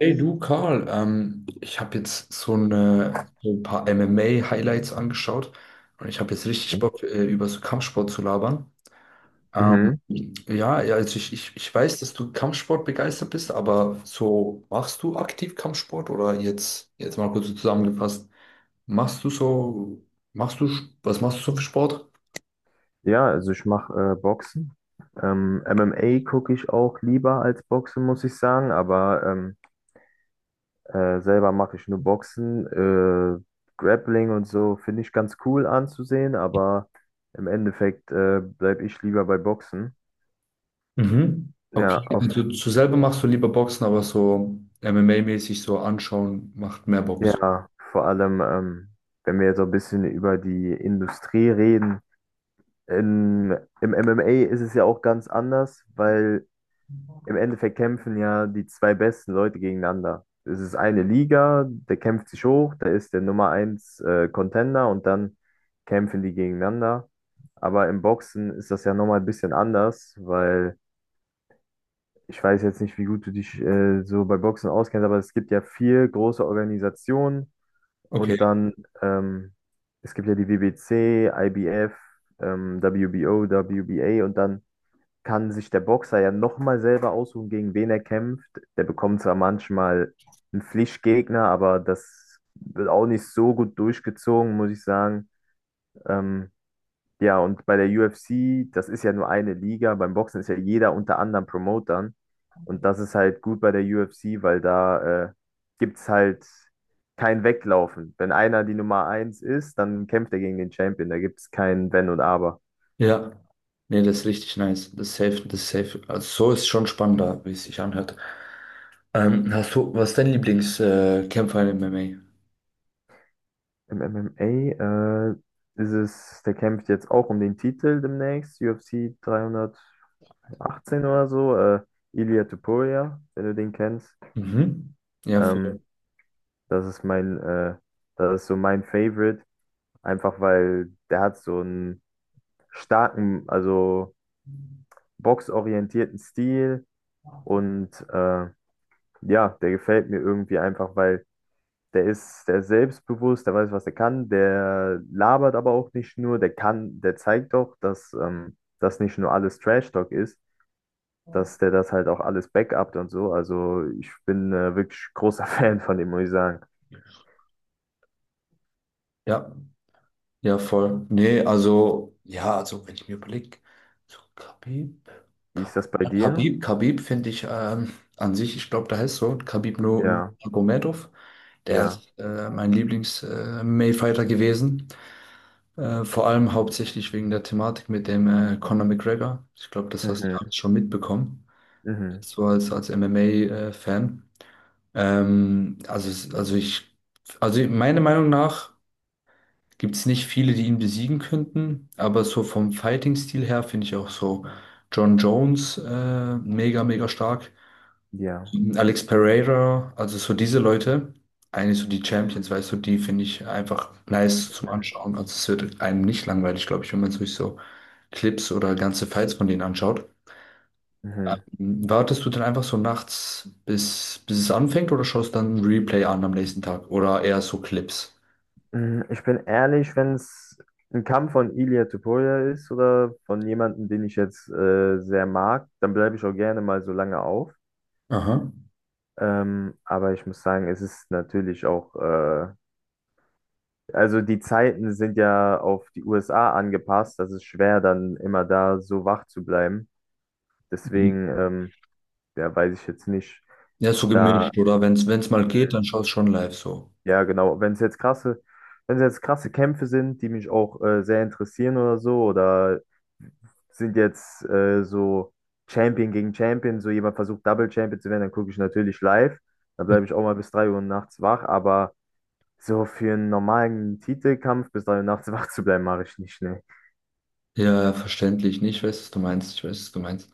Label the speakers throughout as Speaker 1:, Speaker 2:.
Speaker 1: Hey du, Karl, ich habe jetzt so ein paar MMA-Highlights angeschaut und ich habe jetzt richtig
Speaker 2: Okay.
Speaker 1: Bock, über so Kampfsport zu labern. Ähm,
Speaker 2: Mhm.
Speaker 1: ja, ja, also ich weiß, dass du Kampfsport begeistert bist, aber so machst du aktiv Kampfsport oder jetzt mal kurz so zusammengefasst, machst du so, machst du, was machst du so für Sport?
Speaker 2: Ja, also ich mache Boxen. MMA gucke ich auch lieber als Boxen, muss ich sagen, aber selber mache ich nur Boxen. Grappling und so finde ich ganz cool anzusehen, aber im Endeffekt bleibe ich lieber bei Boxen.
Speaker 1: Mhm.
Speaker 2: Ja,
Speaker 1: Okay, also du selber machst du lieber Boxen, aber so MMA-mäßig so anschauen macht mehr Bock.
Speaker 2: ja, vor allem, wenn wir jetzt so ein bisschen über die Industrie reden. Im MMA ist es ja auch ganz anders, weil im Endeffekt kämpfen ja die zwei besten Leute gegeneinander. Es ist eine Liga, der kämpft sich hoch, da ist der Nummer eins Contender, und dann kämpfen die gegeneinander. Aber im Boxen ist das ja nochmal ein bisschen anders, weil ich weiß jetzt nicht, wie gut du dich so bei Boxen auskennst, aber es gibt ja vier große Organisationen,
Speaker 1: Okay,
Speaker 2: und dann ähm, es gibt ja die WBC, IBF, WBO, WBA, und dann kann sich der Boxer ja nochmal selber aussuchen, gegen wen er kämpft. Der bekommt zwar manchmal einen Pflichtgegner, aber das wird auch nicht so gut durchgezogen, muss ich sagen. Ähm, ja, und bei der UFC, das ist ja nur eine Liga. Beim Boxen ist ja jeder unter anderem Promotern. Und das ist halt gut bei der UFC, weil da gibt es halt kein Weglaufen. Wenn einer die Nummer eins ist, dann kämpft er gegen den Champion. Da gibt es kein Wenn und Aber.
Speaker 1: ja. Nee, das ist richtig nice. Das ist safe, das ist safe. Also so ist schon spannender, wie es sich anhört. Was ist dein Lieblingskämpfer Kämpfer in MMA?
Speaker 2: Im MMA, ist es, der kämpft jetzt auch um den Titel demnächst, UFC 318 oder so, Ilia Topuria, wenn du den kennst.
Speaker 1: Mhm. Ja,
Speaker 2: Ähm,
Speaker 1: voll.
Speaker 2: das ist mein, äh, Das ist so mein Favorite, einfach weil der hat so einen starken, also boxorientierten Stil, und ja, der gefällt mir irgendwie einfach, weil der ist selbstbewusst, der weiß, was er kann, der labert aber auch nicht nur, der zeigt auch, dass das nicht nur alles Trash-Talk ist, dass der das halt auch alles backupt und so. Also ich bin wirklich großer Fan von dem, muss ich sagen.
Speaker 1: Ja, ja, voll. Nee, also, ja, also wenn ich mir überlege, so
Speaker 2: Wie
Speaker 1: Ka-
Speaker 2: ist das bei dir?
Speaker 1: Khabib finde ich an sich, ich glaube, der heißt so,
Speaker 2: Ja,
Speaker 1: Nurmagomedov, der
Speaker 2: ja.
Speaker 1: ist mein Lieblings-MMA-Fighter gewesen. Vor allem hauptsächlich wegen der Thematik mit dem Conor McGregor. Ich glaube, das hast du ja
Speaker 2: Mhm,
Speaker 1: alles schon mitbekommen.
Speaker 2: mhm,
Speaker 1: So als, als MMA-Fan. Ähm, also, es- also ich, also meiner Meinung nach gibt es nicht viele, die ihn besiegen könnten, aber so vom Fighting-Stil her finde ich auch so John Jones mega, mega stark.
Speaker 2: ja.
Speaker 1: Alex Pereira, also so diese Leute, eigentlich so die Champions, weißt du, die finde ich einfach nice zum
Speaker 2: Mhm,
Speaker 1: Anschauen. Also es wird einem nicht langweilig, glaube ich, wenn man sich so Clips oder ganze Fights von denen anschaut.
Speaker 2: mhm.
Speaker 1: Wartest du denn einfach so nachts, bis es anfängt oder schaust dann ein Replay an am nächsten Tag oder eher so Clips?
Speaker 2: Ich bin ehrlich, wenn es ein Kampf von Ilia Topuria ist oder von jemandem, den ich jetzt sehr mag, dann bleibe ich auch gerne mal so lange auf.
Speaker 1: Aha.
Speaker 2: Aber ich muss sagen, es ist natürlich auch, also die Zeiten sind ja auf die USA angepasst. Das ist schwer, dann immer da so wach zu bleiben.
Speaker 1: Mhm.
Speaker 2: Deswegen, ja, weiß ich jetzt nicht.
Speaker 1: Ja, so
Speaker 2: Da,
Speaker 1: gemischt oder wenn es mal geht, dann
Speaker 2: mh,
Speaker 1: schaust du schon live so.
Speaker 2: ja, genau, wenn es jetzt krasse Kämpfe sind, die mich auch sehr interessieren oder so, oder sind jetzt so Champion gegen Champion, so jemand versucht Double Champion zu werden, dann gucke ich natürlich live. Dann
Speaker 1: Mhm.
Speaker 2: bleibe ich auch mal bis 3 Uhr nachts wach, aber so für einen normalen Titelkampf bis 3 Uhr nachts wach zu bleiben, mache ich nicht, ne.
Speaker 1: Ja, verständlich. Nee, ich weiß, was du meinst. Ich weiß, was du meinst.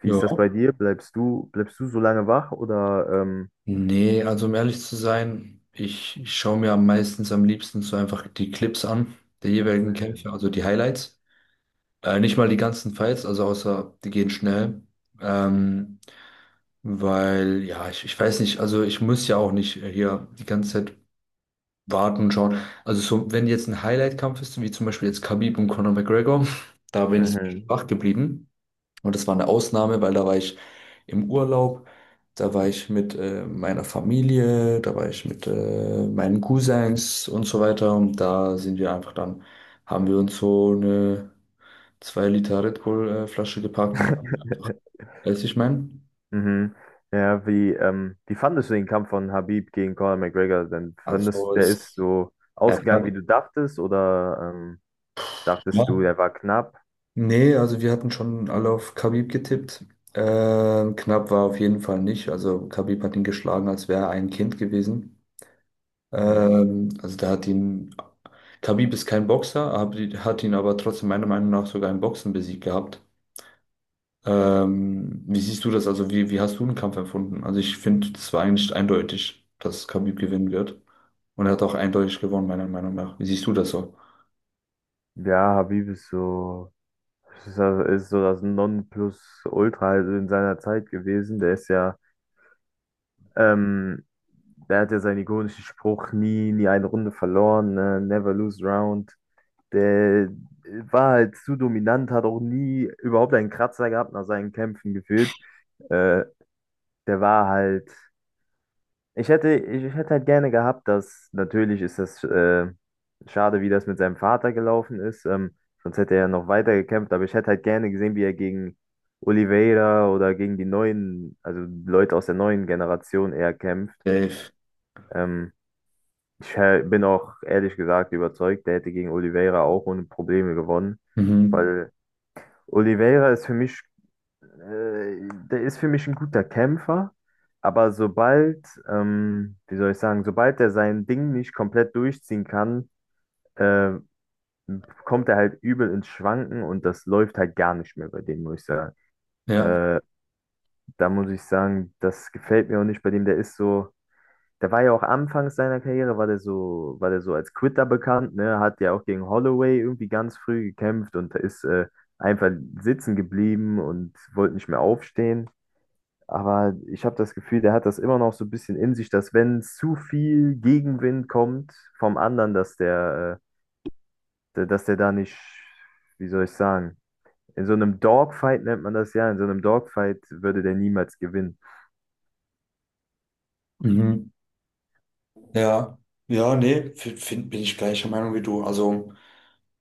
Speaker 2: Wie ist das
Speaker 1: Ja.
Speaker 2: bei dir? Bleibst du so lange wach oder
Speaker 1: Nee, also um ehrlich zu sein, ich schaue mir am meistens am liebsten so einfach die Clips an, der jeweiligen Kämpfe, also die Highlights. Nicht mal die ganzen Fights, also außer die gehen schnell. Ähm, Weil, ja, ich weiß nicht, also ich muss ja auch nicht hier die ganze Zeit warten und schauen. Also so, wenn jetzt ein Highlight-Kampf ist, wie zum Beispiel jetzt Khabib und Conor McGregor, da bin ich so
Speaker 2: mhm.
Speaker 1: wach geblieben. Und das war eine Ausnahme, weil da war ich im Urlaub, da war ich mit meiner Familie, da war ich mit meinen Cousins und so weiter. Und da sind wir einfach dann, haben wir uns so eine 2 Liter Red Bull Flasche gepackt und dann, weiß ich mein.
Speaker 2: Mhm. Ja, wie fandest du den Kampf von Habib gegen Conor McGregor denn? Fandest
Speaker 1: Also
Speaker 2: du, der ist
Speaker 1: es,
Speaker 2: so
Speaker 1: ja,
Speaker 2: ausgegangen, wie du dachtest, oder dachtest du,
Speaker 1: ja.
Speaker 2: der war knapp?
Speaker 1: Nee, also wir hatten schon alle auf Khabib getippt. Knapp war auf jeden Fall nicht. Also Khabib hat ihn geschlagen, als wäre er ein Kind gewesen.
Speaker 2: Mhm.
Speaker 1: Ähm, also da hat ihn, Khabib ist kein Boxer, hat ihn aber trotzdem meiner Meinung nach sogar im Boxen besiegt gehabt. Wie siehst du das? Also wie hast du den Kampf empfunden? Also ich finde, das war eigentlich eindeutig, dass Khabib gewinnen wird. Und er hat auch eindeutig gewonnen, meiner Meinung nach. Wie siehst du das so?
Speaker 2: Ja, Habib ist so das Nonplusultra halt in seiner Zeit gewesen. Ähm, der hat ja seinen ikonischen Spruch, nie eine Runde verloren, ne? Never lose round. Der war halt zu dominant, hat auch nie überhaupt einen Kratzer gehabt nach seinen Kämpfen gefühlt. Äh, der war halt, Ich hätte halt gerne gehabt, dass, natürlich ist das schade, wie das mit seinem Vater gelaufen ist, sonst hätte er ja noch weiter gekämpft, aber ich hätte halt gerne gesehen, wie er gegen Oliveira oder gegen die neuen, also Leute aus der neuen Generation eher kämpft.
Speaker 1: Dave.
Speaker 2: Ähm, Ich bin auch ehrlich gesagt überzeugt, der hätte gegen Oliveira auch ohne Probleme gewonnen,
Speaker 1: Mhm.
Speaker 2: weil Oliveira ist für mich, der ist für mich ein guter Kämpfer, aber sobald, wie soll ich sagen, sobald er sein Ding nicht komplett durchziehen kann, äh, kommt er halt übel ins Schwanken, und das läuft halt gar nicht mehr bei dem, muss ich sagen.
Speaker 1: Ja.
Speaker 2: Äh, Da muss ich sagen, das gefällt mir auch nicht bei dem, der ist so. Der war ja auch anfangs seiner Karriere, war der so als Quitter bekannt, ne? Hat ja auch gegen Holloway irgendwie ganz früh gekämpft und ist einfach sitzen geblieben und wollte nicht mehr aufstehen. Aber ich habe das Gefühl, der hat das immer noch so ein bisschen in sich, dass wenn zu viel Gegenwind kommt vom anderen, dass der da nicht, wie soll ich sagen, in so einem Dogfight nennt man das ja, in so einem Dogfight würde der niemals gewinnen.
Speaker 1: Mhm. Ja. Ja, nee, bin ich gleicher Meinung wie du. Also.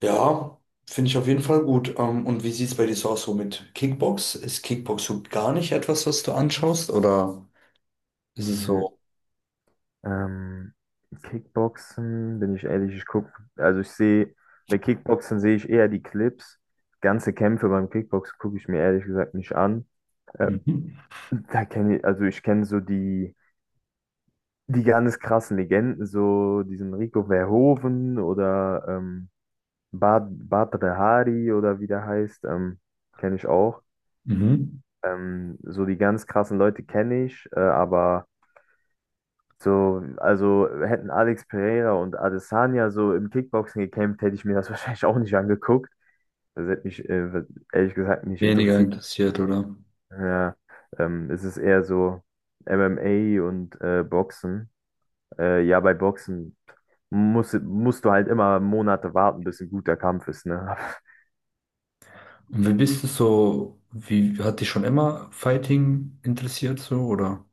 Speaker 1: Ja, finde ich auf jeden Fall gut. Und wie sieht es bei dir so aus so mit Kickbox? Ist Kickbox so gar nicht etwas, was du anschaust? Oder ist es
Speaker 2: Mhm.
Speaker 1: so
Speaker 2: Ähm, Kickboxen, bin ich ehrlich, also ich sehe, bei Kickboxen sehe ich eher die Clips. Ganze Kämpfe beim Kickboxen gucke ich mir ehrlich gesagt nicht an. Äh,
Speaker 1: mhm.
Speaker 2: also ich kenne so die ganz krassen Legenden, so diesen Rico Verhoeven oder Badr Hari oder wie der heißt, kenne ich auch.
Speaker 1: Mhm.
Speaker 2: So die ganz krassen Leute kenne ich, aber. So, also hätten Alex Pereira und Adesanya so im Kickboxen gekämpft, hätte ich mir das wahrscheinlich auch nicht angeguckt. Das hätte mich ehrlich gesagt nicht
Speaker 1: Weniger
Speaker 2: interessiert.
Speaker 1: interessiert, oder?
Speaker 2: Ja, es ist eher so MMA und Boxen. Ja, bei Boxen musst du halt immer Monate warten, bis ein guter Kampf ist, ne?
Speaker 1: Und wie bist du so, Wie hat dich schon immer Fighting interessiert, so, oder?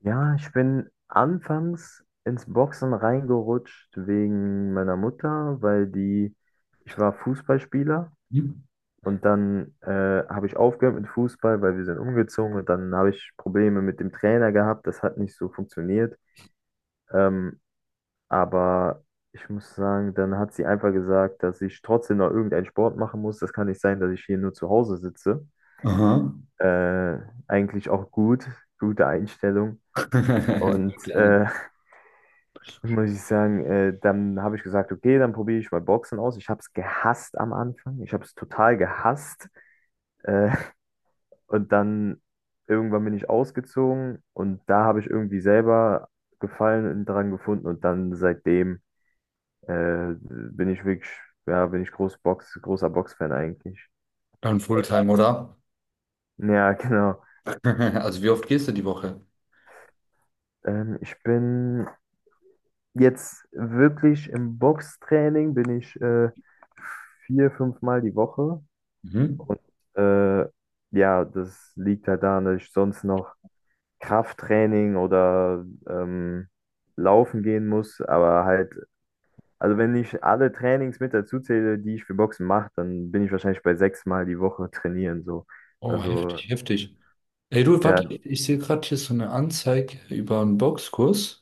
Speaker 2: Ja, ich bin anfangs ins Boxen reingerutscht wegen meiner Mutter, ich war Fußballspieler.
Speaker 1: Mhm.
Speaker 2: Und dann habe ich aufgehört mit Fußball, weil wir sind umgezogen. Und dann habe ich Probleme mit dem Trainer gehabt. Das hat nicht so funktioniert. Ähm, aber ich muss sagen, dann hat sie einfach gesagt, dass ich trotzdem noch irgendeinen Sport machen muss. Das kann nicht sein, dass ich hier nur zu Hause sitze.
Speaker 1: Aha.
Speaker 2: Äh, Eigentlich auch gut, gute Einstellung. Und
Speaker 1: Fulltime.
Speaker 2: äh, Muss ich sagen, dann habe ich gesagt, okay, dann probiere ich mal Boxen aus. Ich habe es gehasst am Anfang. Ich habe es total gehasst. Äh, Und dann irgendwann bin ich ausgezogen, und da habe ich irgendwie selber Gefallen dran gefunden, und dann seitdem äh, bin ich wirklich, ja, bin ich großer Boxfan eigentlich.
Speaker 1: Dann Fulltime, oder?
Speaker 2: Ja, genau.
Speaker 1: Also wie oft gehst du die Woche?
Speaker 2: Ich bin jetzt wirklich im Boxtraining, bin ich 4, 5 Mal die Woche,
Speaker 1: Mhm.
Speaker 2: und äh, ja, das liegt halt daran, dass ich sonst noch Krafttraining oder laufen gehen muss, aber halt. Also wenn ich alle Trainings mit dazu zähle, die ich für Boxen mache, dann bin ich wahrscheinlich bei 6 Mal die Woche trainieren so.
Speaker 1: Oh,
Speaker 2: Also
Speaker 1: heftig, heftig. Ey, du, warte,
Speaker 2: ja,
Speaker 1: ich sehe gerade hier so eine Anzeige über einen Boxkurs.